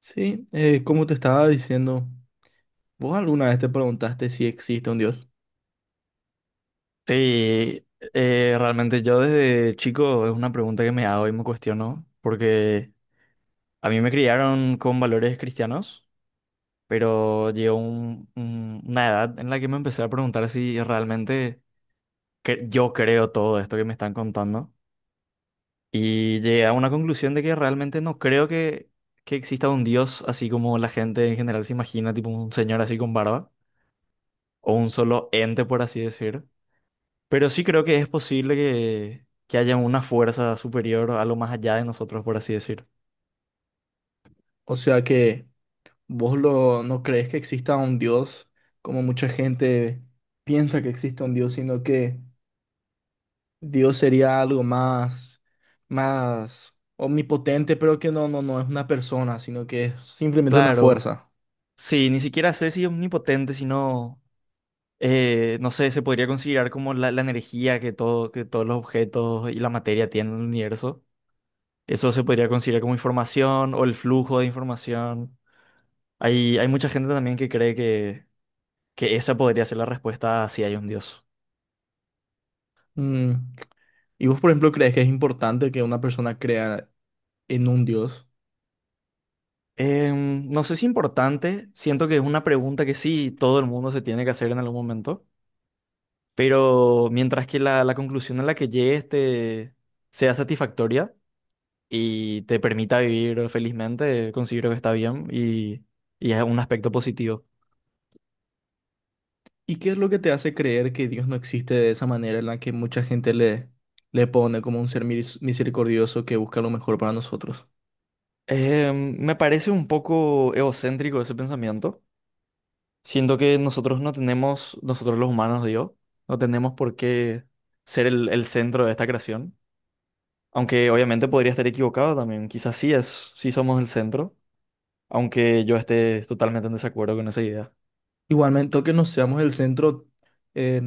Sí, como te estaba diciendo, ¿vos alguna vez te preguntaste si existe un Dios? Sí, realmente yo desde chico es una pregunta que me hago y me cuestiono, porque a mí me criaron con valores cristianos, pero llegó una edad en la que me empecé a preguntar si realmente yo creo todo esto que me están contando y llegué a una conclusión de que realmente no creo que exista un Dios así como la gente en general se imagina, tipo un señor así con barba, o un solo ente, por así decir. Pero sí creo que es posible que haya una fuerza superior a lo más allá de nosotros, por así decir. O sea que vos no crees que exista un Dios como mucha gente piensa que existe un Dios, sino que Dios sería algo más, más omnipotente, pero que no, no, no es una persona, sino que es simplemente una Claro, fuerza. sí, ni siquiera sé si es omnipotente, sino, no sé, se podría considerar como la energía que, todo, que todos los objetos y la materia tienen en el universo. Eso se podría considerar como información o el flujo de información. Hay mucha gente también que cree que esa podría ser la respuesta a si hay un Dios. Mm, ¿y vos, por ejemplo, crees que es importante que una persona crea en un Dios? No sé si importante, siento que es una pregunta que sí todo el mundo se tiene que hacer en algún momento. Pero mientras que la conclusión a la que llegues te sea satisfactoria y te permita vivir felizmente, considero que está bien y es un aspecto positivo. ¿Y qué es lo que te hace creer que Dios no existe de esa manera en la que mucha gente le pone como un ser misericordioso que busca lo mejor para nosotros? Eh, Me parece un poco egocéntrico ese pensamiento. Siento que nosotros no tenemos, nosotros los humanos, digo, no tenemos por qué ser el centro de esta creación. Aunque obviamente podría estar equivocado también. Quizás sí es, sí somos el centro, aunque yo esté totalmente en desacuerdo con esa idea. Igualmente, que no seamos el centro, eh,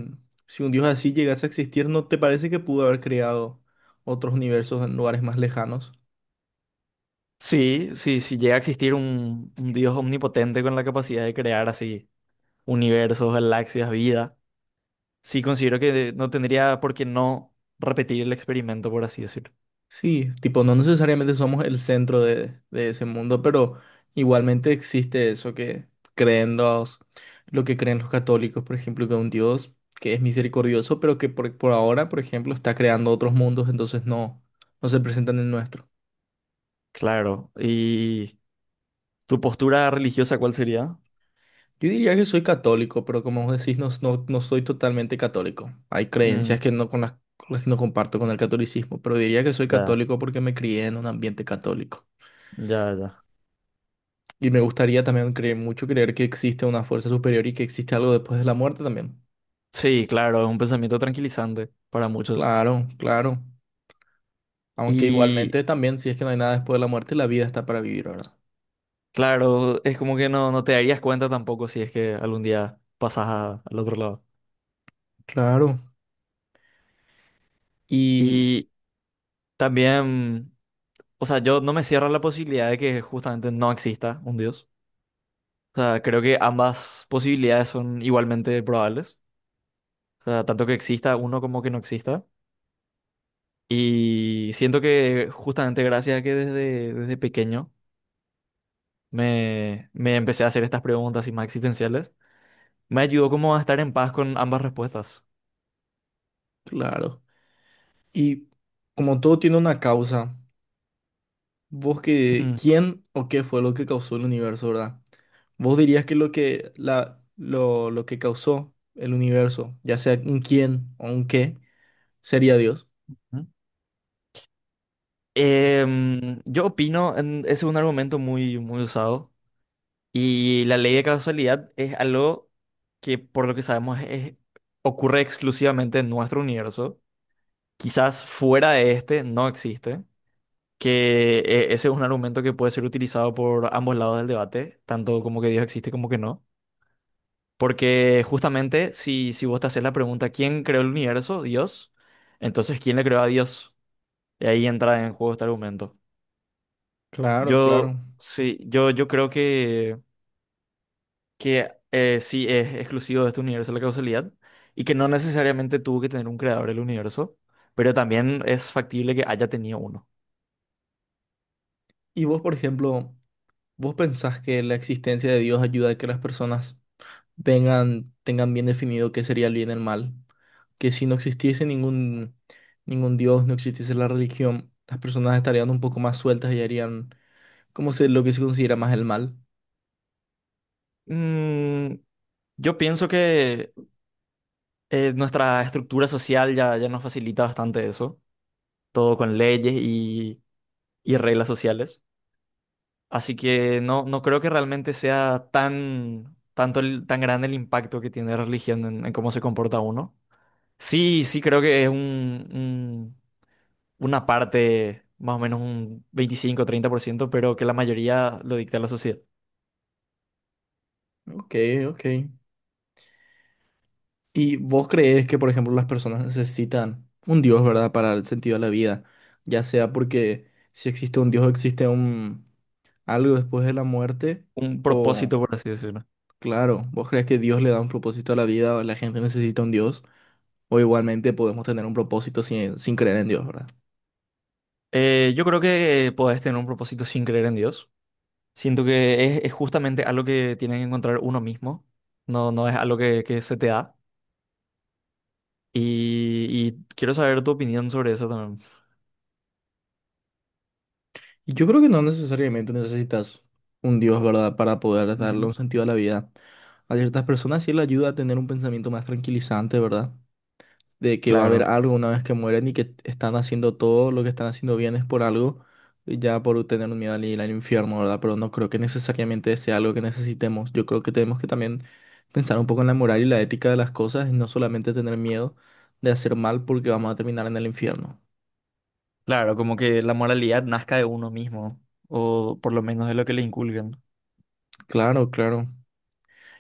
si un Dios así llegase a existir, ¿no te parece que pudo haber creado otros universos en lugares más lejanos? Sí, sí, sí llega a existir un Dios omnipotente con la capacidad de crear así universos, galaxias, vida, sí considero que no tendría por qué no repetir el experimento, por así decirlo. Sí, tipo, no necesariamente somos el centro de ese mundo, pero igualmente existe eso que creen los, lo que creen los católicos, por ejemplo, que un Dios que es misericordioso, pero que por ahora, por ejemplo, está creando otros mundos, entonces no se presentan en nuestro. Claro. ¿Y tu postura religiosa cuál sería? Yo diría que soy católico, pero como vos decís, no soy totalmente católico. Hay creencias Mm, que no, con con las que no comparto con el catolicismo, pero diría que soy ya, católico porque me crié en un ambiente católico. ya, ya. Y me gustaría también creer que existe una fuerza superior y que existe algo después de la muerte también. Sí, claro, es un pensamiento tranquilizante para muchos. Claro, claro. Aunque Y igualmente también, si es que no hay nada después de la muerte, la vida está para vivir, ¿verdad? claro, es como que no, no te darías cuenta tampoco si es que algún día pasas al otro lado. Claro. Y Y también... O sea, yo no me cierro a la posibilidad de que justamente no exista un Dios. O sea, creo que ambas posibilidades son igualmente probables. O sea, tanto que exista uno como que no exista. Y siento que justamente gracias a que desde pequeño me empecé a hacer estas preguntas y más existenciales, me ayudó como a estar en paz con ambas respuestas. claro. Y como todo tiene una causa, Mm, ¿quién o qué fue lo que causó el universo, ¿verdad? ¿Vos dirías que lo que causó el universo, ya sea un quién o un qué, sería Dios? mm. Yo opino, es un argumento muy, muy usado. Y la ley de causalidad es algo que, por lo que sabemos, ocurre exclusivamente en nuestro universo. Quizás fuera de este no existe. Que ese es un argumento que puede ser utilizado por ambos lados del debate, tanto como que Dios existe como que no. Porque justamente si, si vos te haces la pregunta, ¿quién creó el universo? Dios. Entonces, ¿quién le creó a Dios? Y ahí entra en juego este argumento. Claro, claro. Yo creo que sí es exclusivo de este universo la causalidad y que no necesariamente tuvo que tener un creador del universo, pero también es factible que haya tenido uno. Y vos, por ejemplo, ¿vos pensás que la existencia de Dios ayuda a que las personas tengan bien definido qué sería el bien y el mal? Que si no existiese ningún Dios, no existiese la religión, las personas estarían un poco más sueltas y harían lo que se considera más el mal. Mm, yo pienso que nuestra estructura social ya nos facilita bastante eso, todo con leyes y reglas sociales. Así que no, no creo que realmente sea tan, tanto tan grande el impacto que tiene la religión en cómo se comporta uno. Sí, sí, creo que es una parte, más o menos un 25 a 30% pero que la mayoría lo dicta la sociedad. Ok, ok. ¿Y vos crees que, por ejemplo, las personas necesitan un Dios, ¿verdad?, para el sentido de la vida, ya sea porque si existe un Dios, existe un algo después de la muerte, Un o... propósito, por así decirlo. Claro, ¿vos crees que Dios le da un propósito a la vida o la gente necesita un Dios? O igualmente podemos tener un propósito sin creer en Dios, ¿verdad? Yo creo que podés tener un propósito sin creer en Dios. Siento que es justamente algo que tiene que encontrar uno mismo. No, no es algo que se te da. Y quiero saber tu opinión sobre eso también. Y yo creo que no necesariamente necesitas un Dios, ¿verdad? Para poder darle Ujú. un sentido a la vida. A ciertas personas sí le ayuda a tener un pensamiento más tranquilizante, ¿verdad? De que va a haber Claro, algo una vez que mueren y que están haciendo todo lo que están haciendo bien es por algo, ya por tener un miedo al ir al infierno, ¿verdad? Pero no creo que necesariamente sea algo que necesitemos. Yo creo que tenemos que también pensar un poco en la moral y la ética de las cosas y no solamente tener miedo de hacer mal porque vamos a terminar en el infierno. claro, como que la moralidad nazca de uno mismo, o por lo menos de lo que le inculcan. Claro, claro.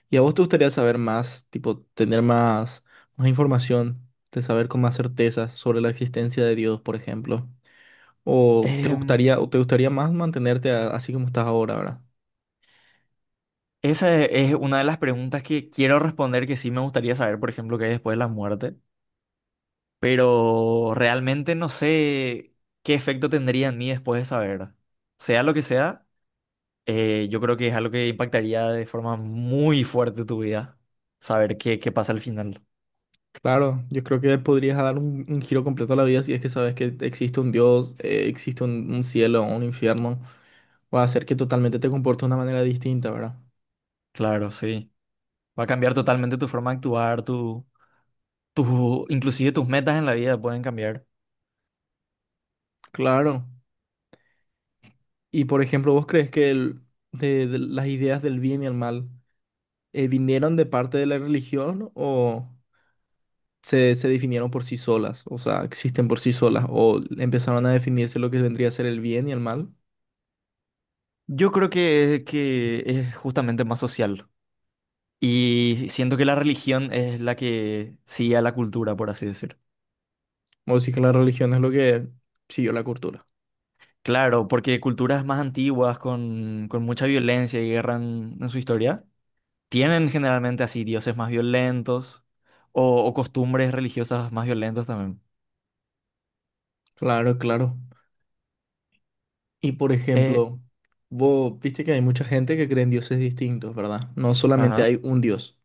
¿Y a vos te gustaría saber más, tipo, más información, de saber con más certeza sobre la existencia de Dios, por ejemplo? O te gustaría más mantenerte así como estás ahora, ¿verdad? Esa es una de las preguntas que quiero responder, que sí me gustaría saber, por ejemplo, qué hay después de la muerte, pero realmente no sé qué efecto tendría en mí después de saber. Sea lo que sea, yo creo que es algo que impactaría de forma muy fuerte tu vida, saber qué, qué pasa al final. Claro, yo creo que podrías dar un giro completo a la vida si es que sabes que existe un Dios, existe un cielo, un infierno. Va a hacer que totalmente te comportes de una manera distinta, ¿verdad? Claro, sí. Va a cambiar totalmente tu forma de actuar, tu, inclusive tus metas en la vida pueden cambiar. Claro. Y por ejemplo, ¿vos crees que de las ideas del bien y el mal vinieron de parte de la religión o se definieron por sí solas? O sea, existen por sí solas o empezaron a definirse lo que vendría a ser el bien y el mal. Yo creo que es justamente más social. Y siento que la religión es la que sigue a la cultura, por así decir. O sí que la religión es lo que siguió la cultura. Claro, porque culturas más antiguas, con mucha violencia y guerra en su historia, tienen generalmente así dioses más violentos o costumbres religiosas más violentas también. Claro, claro. Y por Eh, ejemplo, vos viste que hay mucha gente que cree en dioses distintos, ¿verdad? No solamente ajá, hay un dios.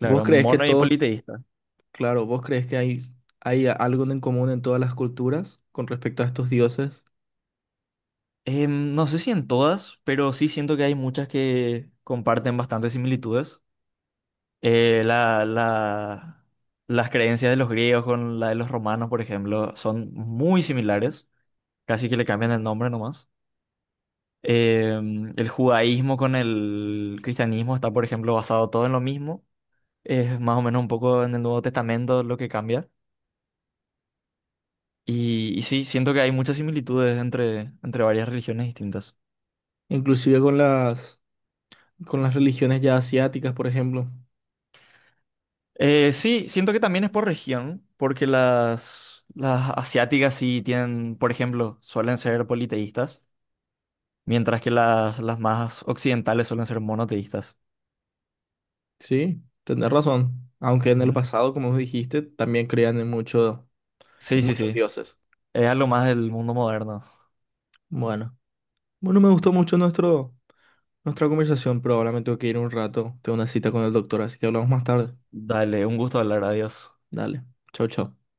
¿Vos crees que mono y todos, politeísta. claro, vos crees que hay algo en común en todas las culturas con respecto a estos dioses? No sé si en todas, pero sí siento que hay muchas que comparten bastantes similitudes. eh, la, la- las creencias de los griegos con la de los romanos, por ejemplo, son muy similares, casi que le cambian el nombre nomás. El judaísmo con el cristianismo está, por ejemplo, basado todo en lo mismo. Es más o menos un poco en el Nuevo Testamento lo que cambia. Y sí, siento que hay muchas similitudes entre, entre varias religiones distintas. Inclusive con con las religiones ya asiáticas, por ejemplo. Sí, siento que también es por región, porque las asiáticas sí tienen, por ejemplo, suelen ser politeístas. Mientras que las más occidentales suelen ser monoteístas. Sí, tenés razón. Aunque en el Ujú. pasado, como vos dijiste, también creían en mucho, Sí, en sí, muchos sí. dioses. Es algo más del mundo moderno. Bueno. Bueno, me gustó mucho nuestro nuestra conversación, pero ahora me tengo que ir un rato. Tengo una cita con el doctor, así que hablamos más tarde. Dale, un gusto hablar, adiós. Dale. Chao, chao.